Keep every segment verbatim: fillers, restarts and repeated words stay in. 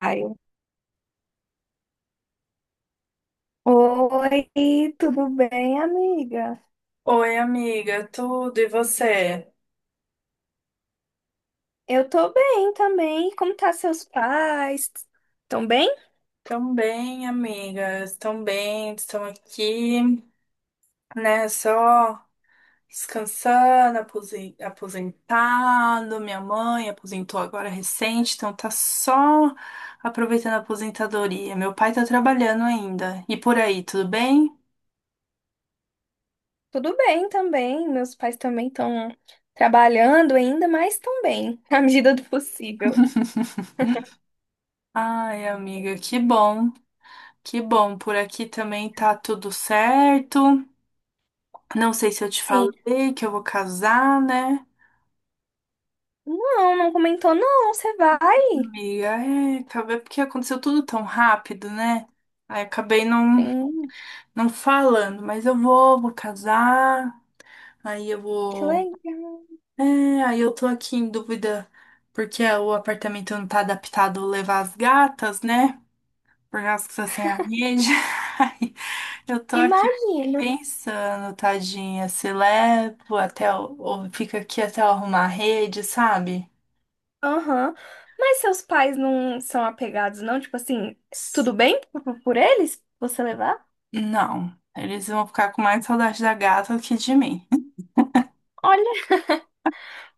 Ai. Oi, tudo bem, amiga? Oi, amiga, tudo e você? Eu tô bem também. Como tá seus pais? Tão bem? Tão bem, amigas, tão bem, estão aqui, né? Só descansando, aposen- aposentado. Minha mãe aposentou agora recente, então tá só aproveitando a aposentadoria. Meu pai tá trabalhando ainda. E por aí, tudo bem? Tudo bem também. Meus pais também estão trabalhando ainda, mas estão bem, na medida do possível. Ai, amiga, que bom, que bom. Por aqui também tá tudo certo. Não sei se eu te Sim. falei que eu vou casar, né? Não, não comentou, não. Você vai? Amiga, é, acabei porque aconteceu tudo tão rápido, né? Aí acabei não, Sim, não falando, mas eu vou, vou casar, aí eu que vou. legal. É, aí eu tô aqui em dúvida porque o apartamento não tá adaptado a levar as gatas, né? Por causa que tá sem a rede. Aí eu tô aqui Imagino. pensando, tadinha, se levo até, o- ou fica aqui até eu arrumar a rede, sabe? Aham. Mas seus pais não são apegados, não? Tipo assim, tudo bem por por eles? Você levar? Não, eles vão ficar com mais saudade da gata do que de mim.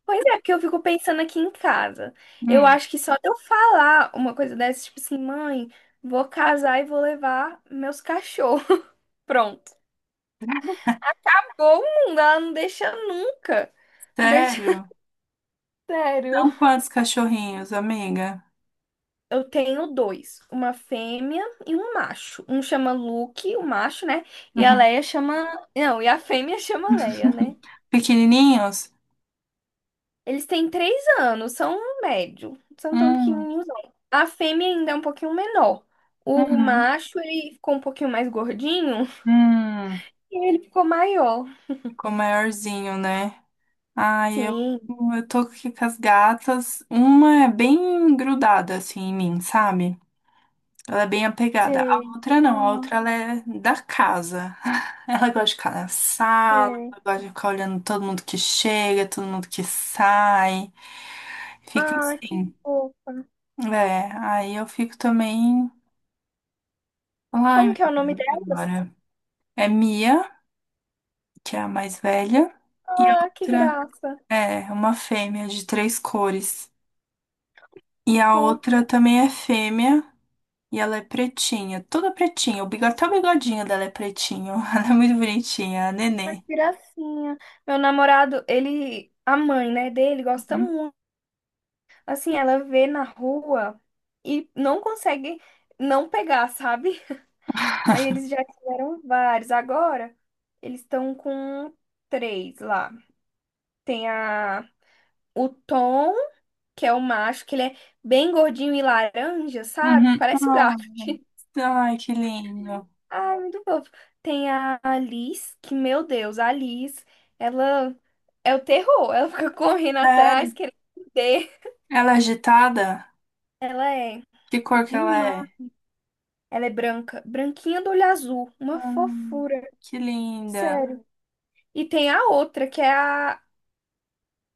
Pois é, porque eu fico pensando aqui em casa. Eu Hum, acho que só de eu falar uma coisa dessa, tipo assim, mãe, vou casar e vou levar meus cachorros. Pronto. Acabou o mundo, ela não deixa nunca. Não deixa. sério? Sério. São quantos cachorrinhos, amiga? Eu tenho dois, uma fêmea e um macho. Um chama Luke, o macho, né? E a Uhum. Leia chama. Não, e a fêmea chama Leia, né? Pequenininhos? Eles têm três anos, são um médio, são tão Hum, pequenininhos. Não. A fêmea ainda é um pouquinho menor. O uhum, macho, ele ficou um pouquinho mais gordinho hum, e ele ficou maior. ficou maiorzinho, né? Ai, eu, Sim, eu tô aqui com as gatas. Uma é bem grudada assim em mim, sabe? Ela é bem apegada. A sei. outra não, a Ah, outra ela é da casa. Ela gosta de ficar na sala, sei. ela gosta de ficar olhando todo mundo que chega, todo mundo que sai. Fica Ah, que assim. fofa. É, aí eu fico também. Ai, Como meu que é o nome Deus, e delas? agora? É Mia, que é a mais velha, e a Ah, que outra graça. é uma fêmea de três cores. E a Fofa, outra também é fêmea. E ela é pretinha, toda pretinha. O bigo- até o bigodinho dela é pretinho. Ela é muito bonitinha, a mas Nenê. que gracinha. Meu namorado, ele, a mãe, né, dele gosta Uhum. muito. Assim, ela vê na rua e não consegue não pegar, sabe? Aí eles já tiveram vários. Agora eles estão com três lá. Tem a o Tom, que é o macho, que ele é bem gordinho e laranja, sabe? Uhum. Parece o gato. Ai, ai, que lindo. Ai, muito fofo. Tem a Alice, que, meu Deus, a Alice, ela é o terror. Ela fica correndo Sério? atrás, querendo morder. Ela é agitada? Ela é Que cor que ela demais. é? Ela é branca, branquinha do olho azul, uma Hum, fofura, que linda. sério. E tem a outra, que é a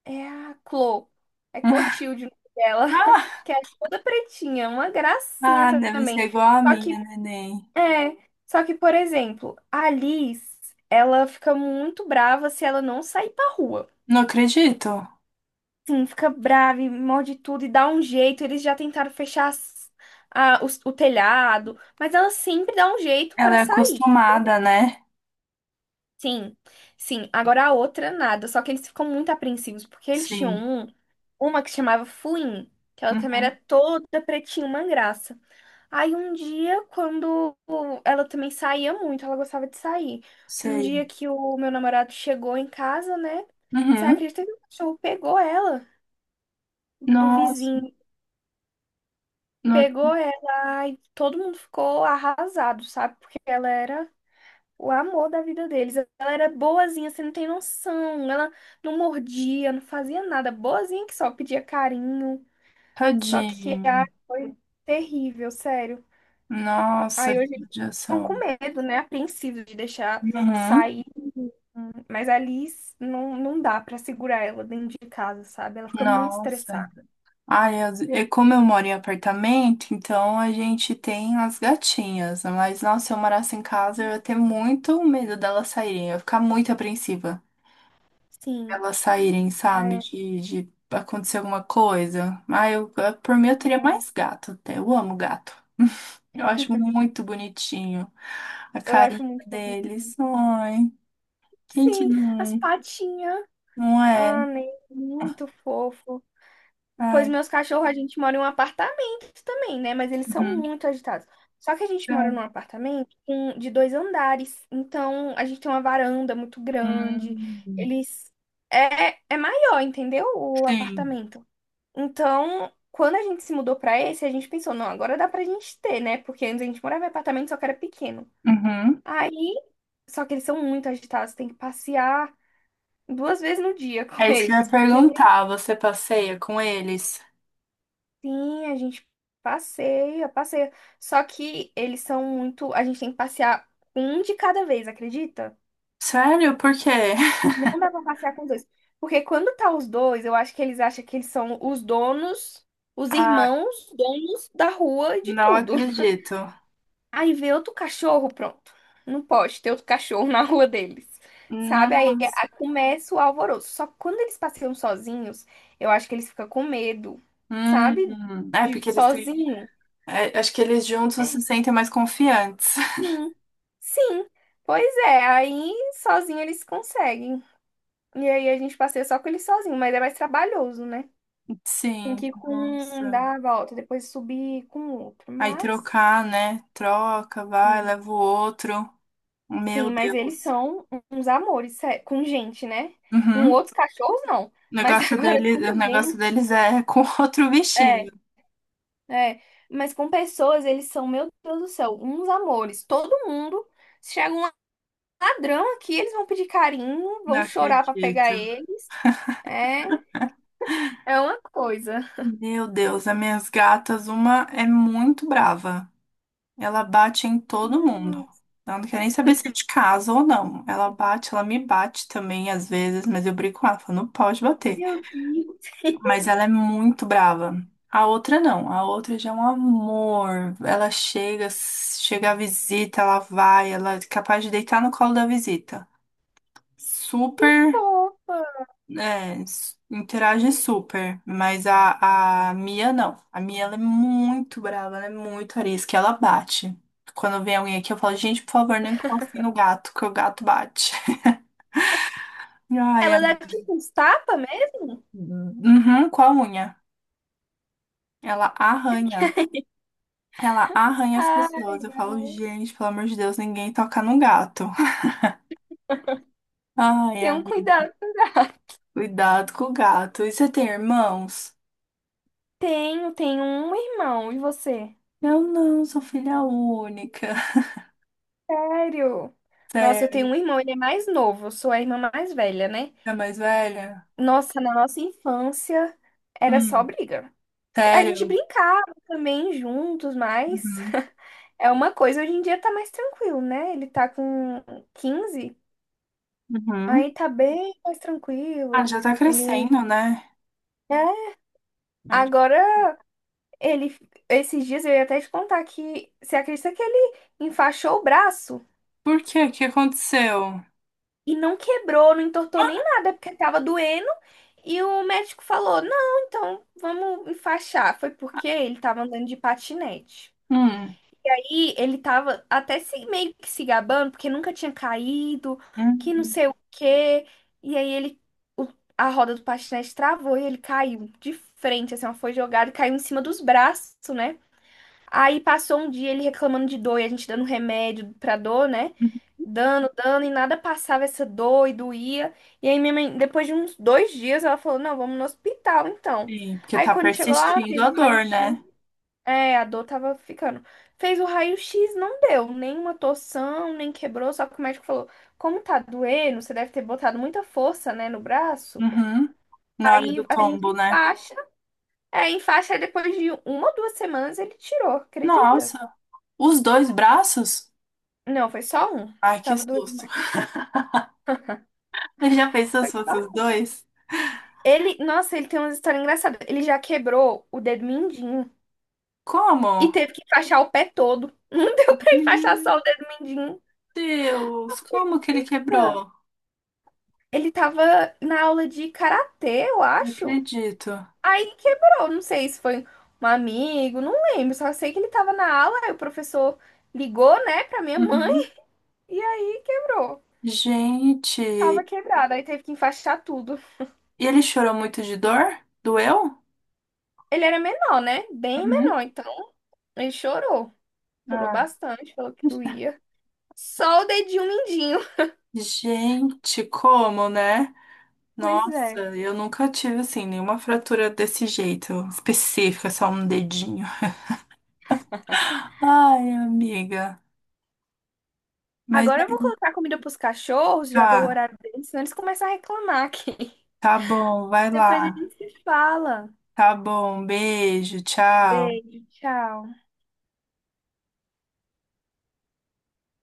É a Clo. É Clotilde o nome dela. Ah, Que é toda pretinha, uma gracinha ah, deve ser também. igual a Só que, minha, neném. é, só que, por exemplo, a Alice, ela fica muito brava se ela não sair pra rua. Não acredito. Sim, fica brava e morde tudo e dá um jeito. Eles já tentaram fechar as- a- os- o telhado, mas ela sempre dá um jeito Ela pra é sair. acostumada, né? Sim, sim. Agora a outra, nada. Só que eles ficam muito apreensivos, porque eles tinham Sim. um, uma que chamava Fuin, que ela também Uhum. era toda pretinha, uma graça. Aí um dia, quando ela também saía muito, ela gostava de sair. Um Sei. dia que o meu namorado chegou em casa, né? Você Uhum. acredita que o cachorro pegou ela, do Nossa, vizinho, não pegou acredito. ela, e todo mundo ficou arrasado, sabe? Porque ela era o amor da vida deles. Ela era boazinha, você não tem noção. Ela não mordia, não fazia nada. Boazinha que só pedia carinho. Só que ai, Tadinho. foi terrível, sério. Nossa, Aí que hoje eles ficam com judiação. medo, né? Apreensivos de deixar Uhum. sair. Mas a Alice não, não dá pra segurar ela dentro de casa, sabe? Ela fica muito Nossa. estressada. Ai, as- e como eu moro em apartamento, então a gente tem as gatinhas. Mas, nossa, se eu morasse em casa, eu ia ter muito medo delas saírem. Eu ia ficar muito apreensiva. Sim. Elas saírem, sabe? É, De, de acontecer alguma coisa. Ai, eu, eu- por mim, eu teria mais gato até. Eu amo gato. Eu acho muito bonitinho a eu carinha acho muito fofo. deles. Ai, gente, Sim, as não, patinhas. não é. Ah, né? Muito fofo. Pois Ai, meus cachorros, a gente mora em um apartamento também, né? Mas eles são uhum. muito agitados. Só que a gente mora num É. apartamento com- de dois andares. Então, a gente tem uma varanda muito grande. Hum, Eles. É, é maior, entendeu? O sim. apartamento. Então, quando a gente se mudou pra esse, a gente pensou, não, agora dá pra gente ter, né? Porque antes a gente morava em apartamento, só que era pequeno. Uhum. Aí, só que eles são muito agitados, tem que passear duas vezes no dia com É isso que eu ia eles. perguntar. Você passeia com eles? Sim, a gente passeia, passeia. Só que eles são muito. A gente tem que passear um de cada vez, acredita? Sério? Por quê? Não dá pra passear com os dois. Porque quando tá os dois, eu acho que eles acham que eles são os donos, os Ah, irmãos, donos da rua e de não tudo. acredito. Aí vê outro cachorro, pronto. Não pode ter outro cachorro na rua deles. Sabe? Aí, Nossa. aí começa o alvoroço. Só que quando eles passeiam sozinhos, eu acho que eles ficam com medo, sabe? Hum. É De porque eles têm. sozinho. É, acho que eles juntos se sentem mais confiantes. Sim, sim. Pois é, aí sozinho eles conseguem. E aí a gente passeia só com ele sozinho, mas é mais trabalhoso, né? Tem Sim, que ir com um, nossa. dar a volta, depois subir com o outro. Aí Mas, trocar, né? Troca, vai, sim, leva o outro. sim, Meu mas eles Deus. são uns amores, sé- com gente, né? Com Uhum. outros cachorros, não. O Mas negócio agora dele, com o negócio gente. deles é com outro É, bichinho. é. Mas com pessoas, eles são, meu Deus do céu, uns amores. Todo mundo. Se chega um ladrão aqui, eles vão pedir carinho, Não vão chorar pra pegar acredito. eles. É. É uma coisa. Meu Deus, as minhas gatas, uma é muito brava. Ela bate em todo mundo. Ah, Ela não quer nem saber se é de casa ou não. Ela bate, ela me bate também às vezes, mas eu brigo com ela, falo, não pode bater. meu Deus, Mas ela é muito brava. A outra não, a outra já é um amor. Ela chega, chega a visita, ela vai, ela é capaz de deitar no colo da visita. que Super fofa. É, s- interage super, mas a, a Mia não. A Mia ela é muito brava, ela é muito arisca, ela bate. Quando vem alguém aqui, eu falo, gente, por favor, não encoste no gato, que o gato bate. Ai, a... Ela dá tipo uns tapas mesmo? Uhum, com a unha. Ela arranha. Ela arranha as Ai, pessoas. Eu falo, gente, pelo amor de Deus, ninguém toca no gato. Ai, tem um amiga, cuidado pra dar. cuidado com o gato. E você tem irmãos? Tenho, tenho um irmão. E você? Eu não, sou filha única. Sério? Nossa, eu tenho Sério, um irmão, ele é mais novo. Eu sou a irmã mais velha, né? é mais velha? Nossa, na nossa infância era só Hum. briga. A gente Sério? brincava também juntos, mas Uhum. é uma coisa. Hoje em dia tá mais tranquilo, né? Ele tá com quinze. Uhum. Aí tá bem mais Ah, tranquilo. já tá Ele. crescendo, né? É. Mas Agora, ele. Esses dias eu ia até te contar que. Você acredita que ele enfaixou o braço por quê? O que aconteceu? e não quebrou, não entortou nem nada, porque tava doendo. E o médico falou: não, então vamos enfaixar. Foi porque ele tava andando de patinete. Hum. E ele tava até se, meio que se gabando, porque nunca tinha caído, que não Uhum. sei o quê. E aí ele, o- a roda do patinete travou e ele caiu de frente, assim, ela foi jogada e caiu em cima dos braços, né? Aí passou um dia ele reclamando de dor e a gente dando remédio pra dor, né? Dando, dando, e nada passava essa dor e doía. E aí minha mãe, depois de uns dois dias, ela falou, não, vamos no hospital, então. Sim, porque Aí tá quando chegou lá, persistindo fez a o dor, raio-x, né? é, a dor tava ficando. Fez o raio-x, não deu nenhuma torção, nem quebrou, só que o médico falou: como tá doendo, você deve ter botado muita força, né, no braço. Uhum. Na hora do Aí a gente tombo, né? enfaixa, é, enfaixa, aí depois de uma ou duas semanas ele tirou, acredita? Nossa, os dois braços? Não, foi só um. Ai, que Tava doendo. susto. Você já pensou se Foi só fosse os um. dois? Ele, nossa, ele tem uma história engraçada. Ele já quebrou o dedo mindinho Como? e teve que enfaixar o pé todo. Não deu pra enfaixar só o Meu dedo mindinho. Deus, como que ele quebrou? Ele tava na aula de karatê, eu Não acho. acredito. Aí quebrou, não sei se foi um amigo, não lembro, só sei que ele tava na aula, aí o professor ligou, né, pra minha mãe, Uhum. e aí quebrou. Gente, Tava e quebrado, aí teve que enfaixar tudo. ele chorou muito de dor? Doeu? Ele era menor, né? Bem Uhum. menor, então ele chorou. Chorou Ah. bastante, falou que doía. Só o dedinho mindinho. Gente, como, né? Pois Nossa, é. eu nunca tive assim nenhuma fratura desse jeito, específica, só um dedinho. Ai, amiga. Mas Agora é, eu vou colocar comida pros cachorros, já deu o tá, horário deles, senão eles começam a reclamar aqui. tá bom, vai Depois a lá. gente se fala. Tá bom, beijo, tchau. Beijo, tchau.